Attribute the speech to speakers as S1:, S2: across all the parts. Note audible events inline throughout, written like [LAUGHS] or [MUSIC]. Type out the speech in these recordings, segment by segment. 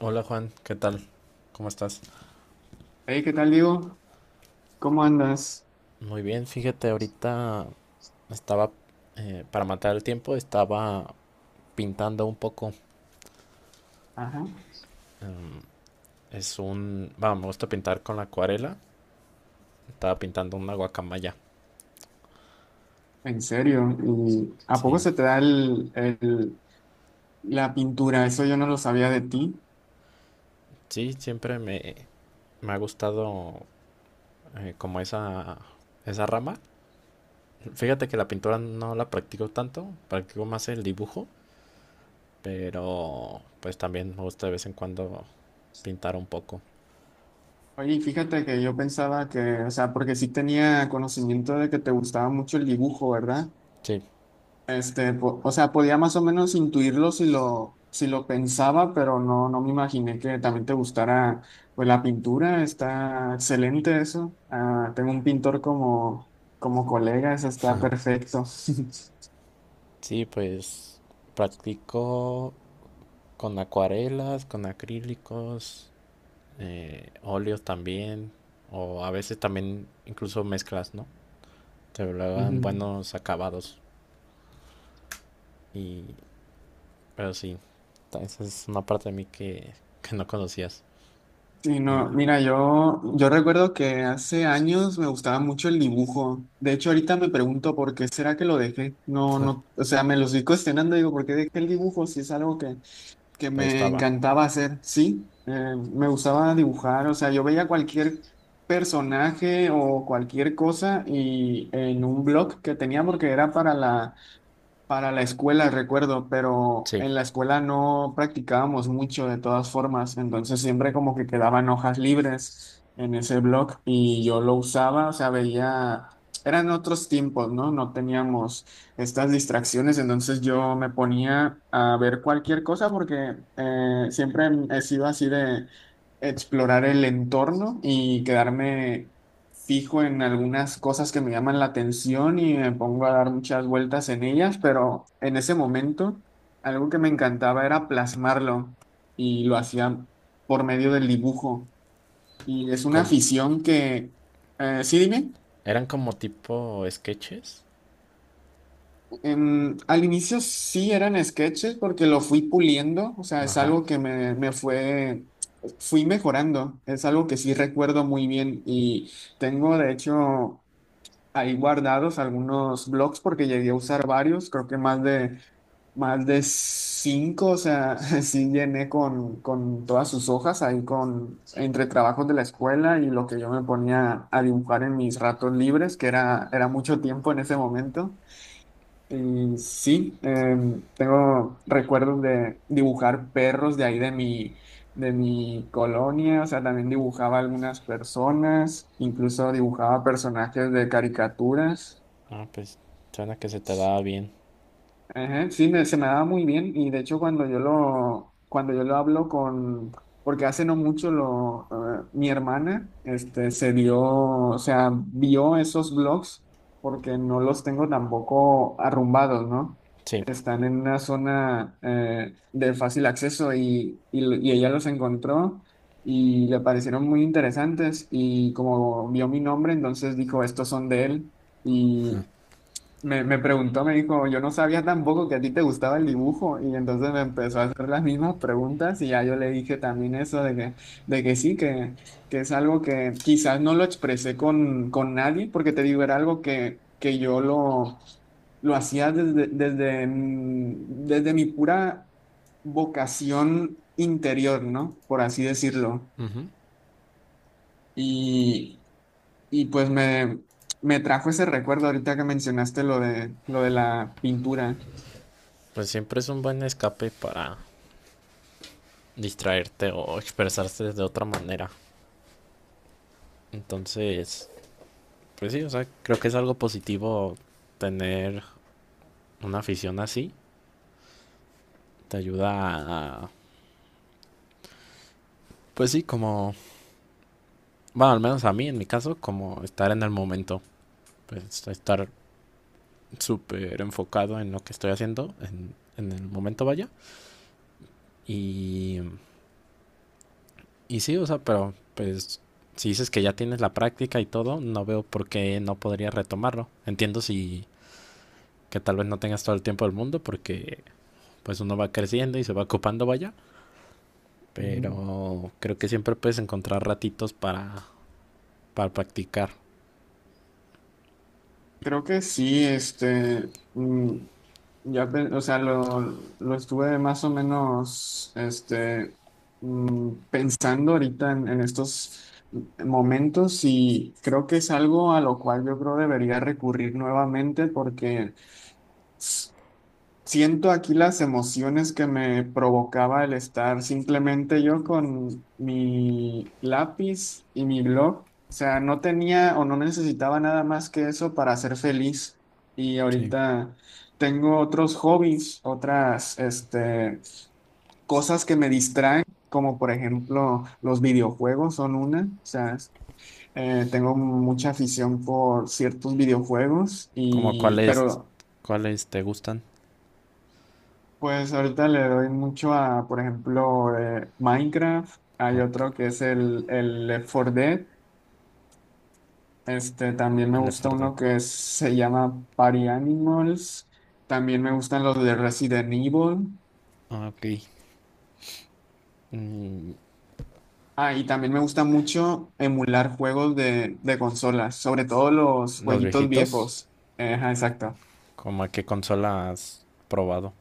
S1: Hola Juan, ¿qué tal? ¿Cómo estás?
S2: Hey, ¿qué tal, Diego? ¿Cómo andas?
S1: Muy bien, fíjate, ahorita estaba, para matar el tiempo, estaba pintando un poco.
S2: Ajá.
S1: Es un, vamos, me gusta pintar con la acuarela. Estaba pintando una guacamaya.
S2: ¿En serio? ¿Y a poco
S1: Sí,
S2: se te da la pintura? Eso yo no lo sabía de ti.
S1: sí, siempre me, me ha gustado como esa rama. Fíjate que la pintura no la practico tanto, practico más el dibujo, pero pues también me gusta de vez en cuando pintar un poco.
S2: Oye, y fíjate que yo pensaba que, o sea, porque sí tenía conocimiento de que te gustaba mucho el dibujo, ¿verdad?
S1: Sí.
S2: O sea, podía más o menos intuirlo si si lo pensaba, pero no, no me imaginé que también te gustara, pues, la pintura. Está excelente eso. Ah, tengo un pintor como, como colega, eso está perfecto. [LAUGHS]
S1: Sí, pues practico con acuarelas, con acrílicos, óleos también, o a veces también incluso mezclas, ¿no? Te logran
S2: Ujú.
S1: buenos acabados. Y, pero sí, esa es una parte de mí que no conocías
S2: Sí,
S1: y
S2: no, mira, yo recuerdo que hace años me gustaba mucho el dibujo. De hecho, ahorita me pregunto por qué será que lo dejé. No, no, o sea, me lo estoy cuestionando, digo, ¿por qué dejé el dibujo? Si es algo
S1: que
S2: que
S1: te
S2: me
S1: gustaba.
S2: encantaba hacer. Sí, me gustaba dibujar, o sea, yo veía cualquier personaje o cualquier cosa y en un blog que tenía porque era para la Para la escuela, recuerdo, pero
S1: Sí,
S2: en la escuela no practicábamos mucho de todas formas, entonces siempre como que quedaban hojas libres en ese blog y yo lo usaba, o sea, veía, eran otros tiempos, ¿no? No teníamos estas distracciones, entonces yo me ponía a ver cualquier cosa porque siempre he sido así de explorar el entorno y quedarme fijo en algunas cosas que me llaman la atención y me pongo a dar muchas vueltas en ellas, pero en ese momento algo que me encantaba era plasmarlo y lo hacía por medio del dibujo. Y es una
S1: como,
S2: afición que, sí, dime,
S1: eran como tipo sketches.
S2: al inicio sí eran sketches porque lo fui puliendo, o sea, es
S1: Ajá.
S2: algo que me fue, fui mejorando, es algo que sí recuerdo muy bien y tengo de hecho ahí guardados algunos blogs porque llegué a usar varios, creo que más de cinco, o sea, [LAUGHS] sí llené con todas sus hojas ahí con, entre trabajos de la escuela y lo que yo me ponía a dibujar en mis ratos libres, que era, era mucho tiempo en ese momento. Y sí, tengo recuerdos de dibujar perros de ahí de de mi colonia, o sea, también dibujaba algunas personas, incluso dibujaba personajes de caricaturas.
S1: Ah, pues suena que se te daba bien.
S2: Ajá, sí, se me daba muy bien y de hecho cuando cuando yo lo hablo con, porque hace no mucho mi hermana, este, se dio, o sea, vio esos blogs porque no los tengo tampoco arrumbados, ¿no?
S1: Sí.
S2: Están en una zona de fácil acceso y ella los encontró y le parecieron muy interesantes y como vio mi nombre, entonces dijo, estos son de él, me preguntó, me dijo, yo no sabía tampoco que a ti te gustaba el dibujo y entonces me empezó a hacer las mismas preguntas y ya yo le dije también eso de que sí, que es algo que quizás no lo expresé con nadie porque te digo, era algo que lo hacía desde mi pura vocación interior, ¿no? Por así decirlo.
S1: Ujú.
S2: Y, y pues me trajo ese recuerdo ahorita que mencionaste lo de la pintura.
S1: Pues siempre es un buen escape para distraerte o expresarse de otra manera. Entonces, pues sí, o sea, creo que es algo positivo tener una afición así. Te ayuda a, pues sí, como, bueno, al menos a mí en mi caso, como estar en el momento, pues estar súper enfocado en lo que estoy haciendo, en el momento vaya. Y, y sí, o sea, pero pues si dices que ya tienes la práctica y todo, no veo por qué no podría retomarlo. Entiendo si que tal vez no tengas todo el tiempo del mundo porque pues uno va creciendo y se va ocupando vaya,
S2: Ujú.
S1: pero creo que siempre puedes encontrar ratitos para practicar.
S2: Creo que sí, ya, o sea, lo estuve más o menos, pensando ahorita en estos momentos y creo que es algo a lo cual yo creo debería recurrir nuevamente porque siento aquí las emociones que me provocaba el estar simplemente yo con mi lápiz y mi blog. O sea, no tenía o no necesitaba nada más que eso para ser feliz. Y
S1: Sí.
S2: ahorita tengo otros hobbies, otras, este, cosas que me distraen, como por ejemplo los videojuegos son una. O sea, tengo mucha afición por ciertos videojuegos
S1: Como
S2: y,
S1: cuáles,
S2: pero
S1: cuáles te gustan.
S2: pues ahorita le doy mucho a, por ejemplo, Minecraft. Hay
S1: Okay.
S2: otro que es el Left 4 Dead. Este, también me
S1: El
S2: gusta
S1: FRD.
S2: uno se llama Party Animals. También me gustan los de Resident Evil.
S1: Ok. Mm,
S2: Ah, y también me gusta mucho emular juegos de consolas, sobre todo los
S1: los
S2: jueguitos
S1: viejitos.
S2: viejos. Ajá, exacto.
S1: Como a qué consola has probado.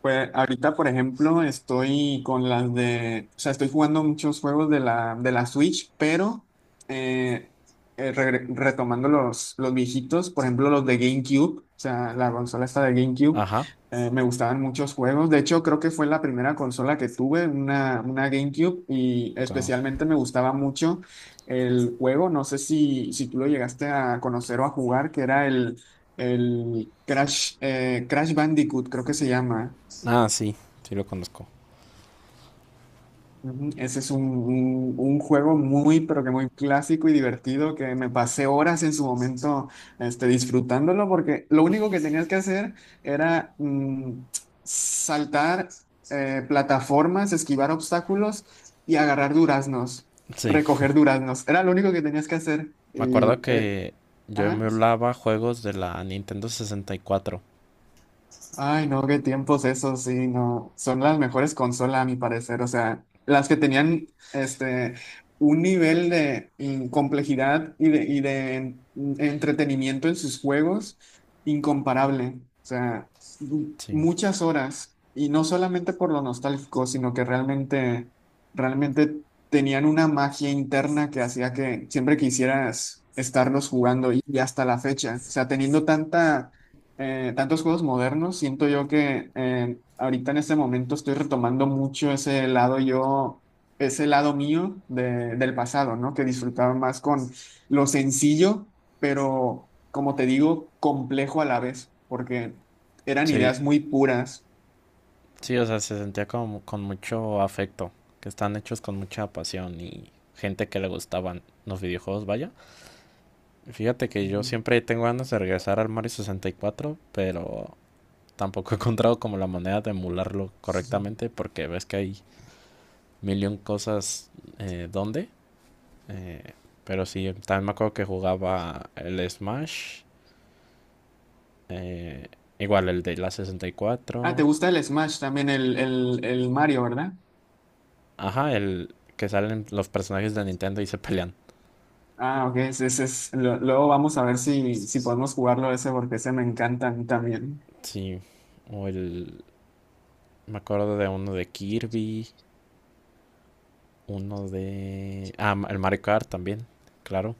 S2: Pues ahorita, por ejemplo, estoy con las de, o sea, estoy jugando muchos juegos de de la Switch, pero eh, retomando los viejitos, por ejemplo, los de GameCube, o sea, la consola esta de GameCube,
S1: Ajá.
S2: me gustaban muchos juegos. De hecho, creo que fue la primera consola que tuve, una GameCube, y
S1: Wow.
S2: especialmente me gustaba mucho el juego, no sé si, si tú lo llegaste a conocer o a jugar, que era el El Crash, Crash Bandicoot, creo que se llama.
S1: Ah, sí. Sí lo conozco.
S2: Ujú. Ese es un, un juego muy, pero que muy clásico y divertido que me pasé horas en su momento este, disfrutándolo porque lo único que tenías que hacer era saltar plataformas, esquivar obstáculos y agarrar duraznos,
S1: Sí.
S2: recoger duraznos. Era lo único que tenías que hacer.
S1: Me acuerdo
S2: Y,
S1: que yo
S2: ajá.
S1: emulaba juegos de la Nintendo 64.
S2: Ay, no, qué tiempos esos, sí, no. Son las mejores consolas, a mi parecer. O sea, las que tenían este un nivel de complejidad y de entretenimiento en sus juegos incomparable. O sea,
S1: Sí.
S2: muchas horas. Y no solamente por lo nostálgico, sino que realmente, realmente tenían una magia interna que hacía que siempre quisieras estarlos jugando y hasta la fecha. O sea, teniendo tanta tantos juegos modernos, siento yo que ahorita en este momento estoy retomando mucho ese lado yo, ese lado mío del pasado, ¿no? Que disfrutaba más con lo sencillo, pero como te digo, complejo a la vez, porque eran
S1: Sí.
S2: ideas muy puras.
S1: Sí, o sea, se sentía como con mucho afecto, que están hechos con mucha pasión y gente que le gustaban los videojuegos, vaya. Fíjate que yo
S2: Ujú.
S1: siempre tengo ganas de regresar al Mario 64, pero tampoco he encontrado como la manera de emularlo correctamente
S2: [LAUGHS]
S1: porque ves que hay millón cosas donde. Eh, pero sí, también me acuerdo que jugaba el Smash, eh, igual el de la
S2: Ah, ¿te
S1: 64.
S2: gusta el Smash también, el Mario, ¿verdad?
S1: Ajá, el que salen los personajes de Nintendo y se pelean.
S2: Ah, ok, ese, luego vamos a ver si, si podemos jugarlo ese porque ese me encanta a mí también.
S1: Sí. O el. Me acuerdo de uno de Kirby. Uno de. Ah, el Mario Kart también. Claro.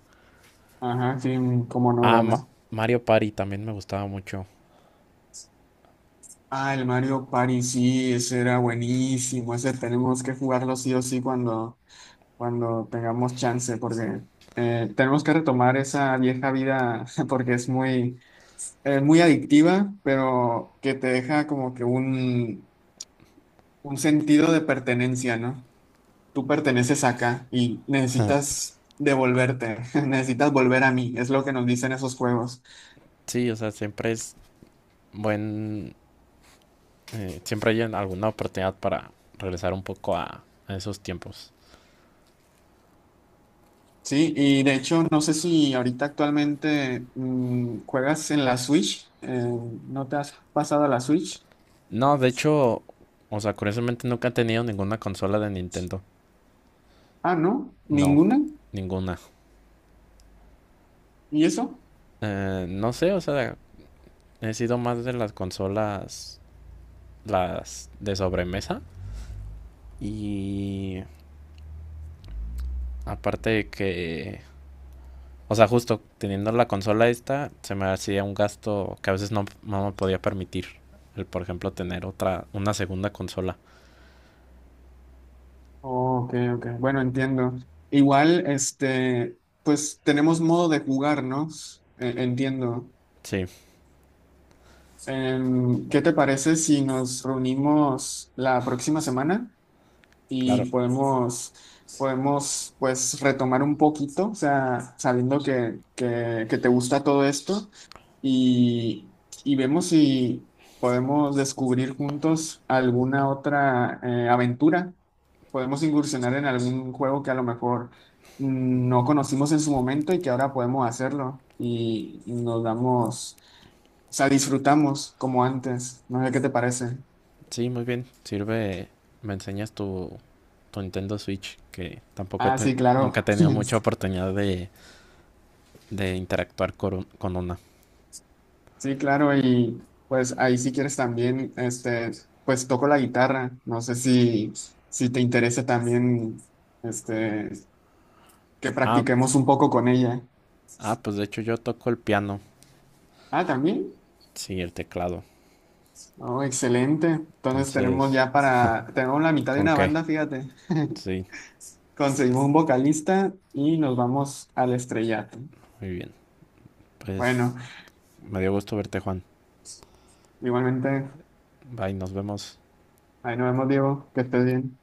S2: Ajá, sí, cómo no,
S1: Ah,
S2: ¿verdad?
S1: Mario Party también me gustaba mucho.
S2: Ah, el Mario Party, sí, ese era buenísimo. Ese tenemos que jugarlo sí o sí cuando, cuando tengamos chance, porque tenemos que retomar esa vieja vida, [LAUGHS] porque es muy, muy adictiva, pero que te deja como que un sentido de pertenencia, ¿no? Tú perteneces acá y necesitas devolverte, [LAUGHS] necesitas volver a mí, es lo que nos dicen esos juegos.
S1: Sí, o sea, siempre es buen. Siempre hay alguna oportunidad para regresar un poco a esos tiempos.
S2: Sí, y de hecho, no sé si ahorita actualmente juegas en la Switch. ¿No te has pasado a la Switch?
S1: No, de hecho, o sea, curiosamente nunca he tenido ninguna consola de Nintendo.
S2: Ah, ¿no?
S1: No,
S2: ¿Ninguna?
S1: ninguna.
S2: ¿Y eso?
S1: No sé, o sea, he sido más de las consolas, las de sobremesa. Y aparte de que, o sea, justo teniendo la consola esta, se me hacía un gasto que a veces no, no me podía permitir. El, por ejemplo, tener otra, una segunda consola.
S2: Oh, ok, ok. Bueno, entiendo. Igual, este, pues tenemos modo de jugar, ¿no? Entiendo.
S1: Sí,
S2: ¿Qué te parece si nos reunimos la próxima semana?
S1: claro.
S2: Y podemos, podemos pues retomar un poquito, o sea, sabiendo que te gusta todo esto y, y vemos si podemos descubrir juntos alguna otra aventura. Podemos incursionar en algún juego que a lo mejor no conocimos en su momento y que ahora podemos hacerlo y nos damos, o sea, disfrutamos como antes. No sé qué te parece.
S1: Sí, muy bien. Sirve, me enseñas tu, tu Nintendo Switch, que tampoco
S2: Ah, sí,
S1: nunca he
S2: claro.
S1: tenido mucha
S2: [LAUGHS]
S1: oportunidad de interactuar con, con una.
S2: Sí, claro, y pues ahí si quieres también, este, pues toco la guitarra. No sé si, si te interesa también, este, que
S1: Ah,
S2: practiquemos un poco con ella.
S1: ah, pues de hecho yo toco el piano,
S2: Ah, también.
S1: sí, el teclado.
S2: Oh, excelente. Entonces tenemos
S1: Entonces,
S2: ya para, tenemos la mitad de
S1: ¿con
S2: una
S1: qué?
S2: banda, fíjate. [LAUGHS]
S1: Sí,
S2: Conseguimos un vocalista y nos vamos al estrellato.
S1: muy bien. Pues
S2: Bueno,
S1: me dio gusto verte, Juan.
S2: igualmente,
S1: Bye, nos vemos.
S2: ahí nos vemos, Diego, que estés bien.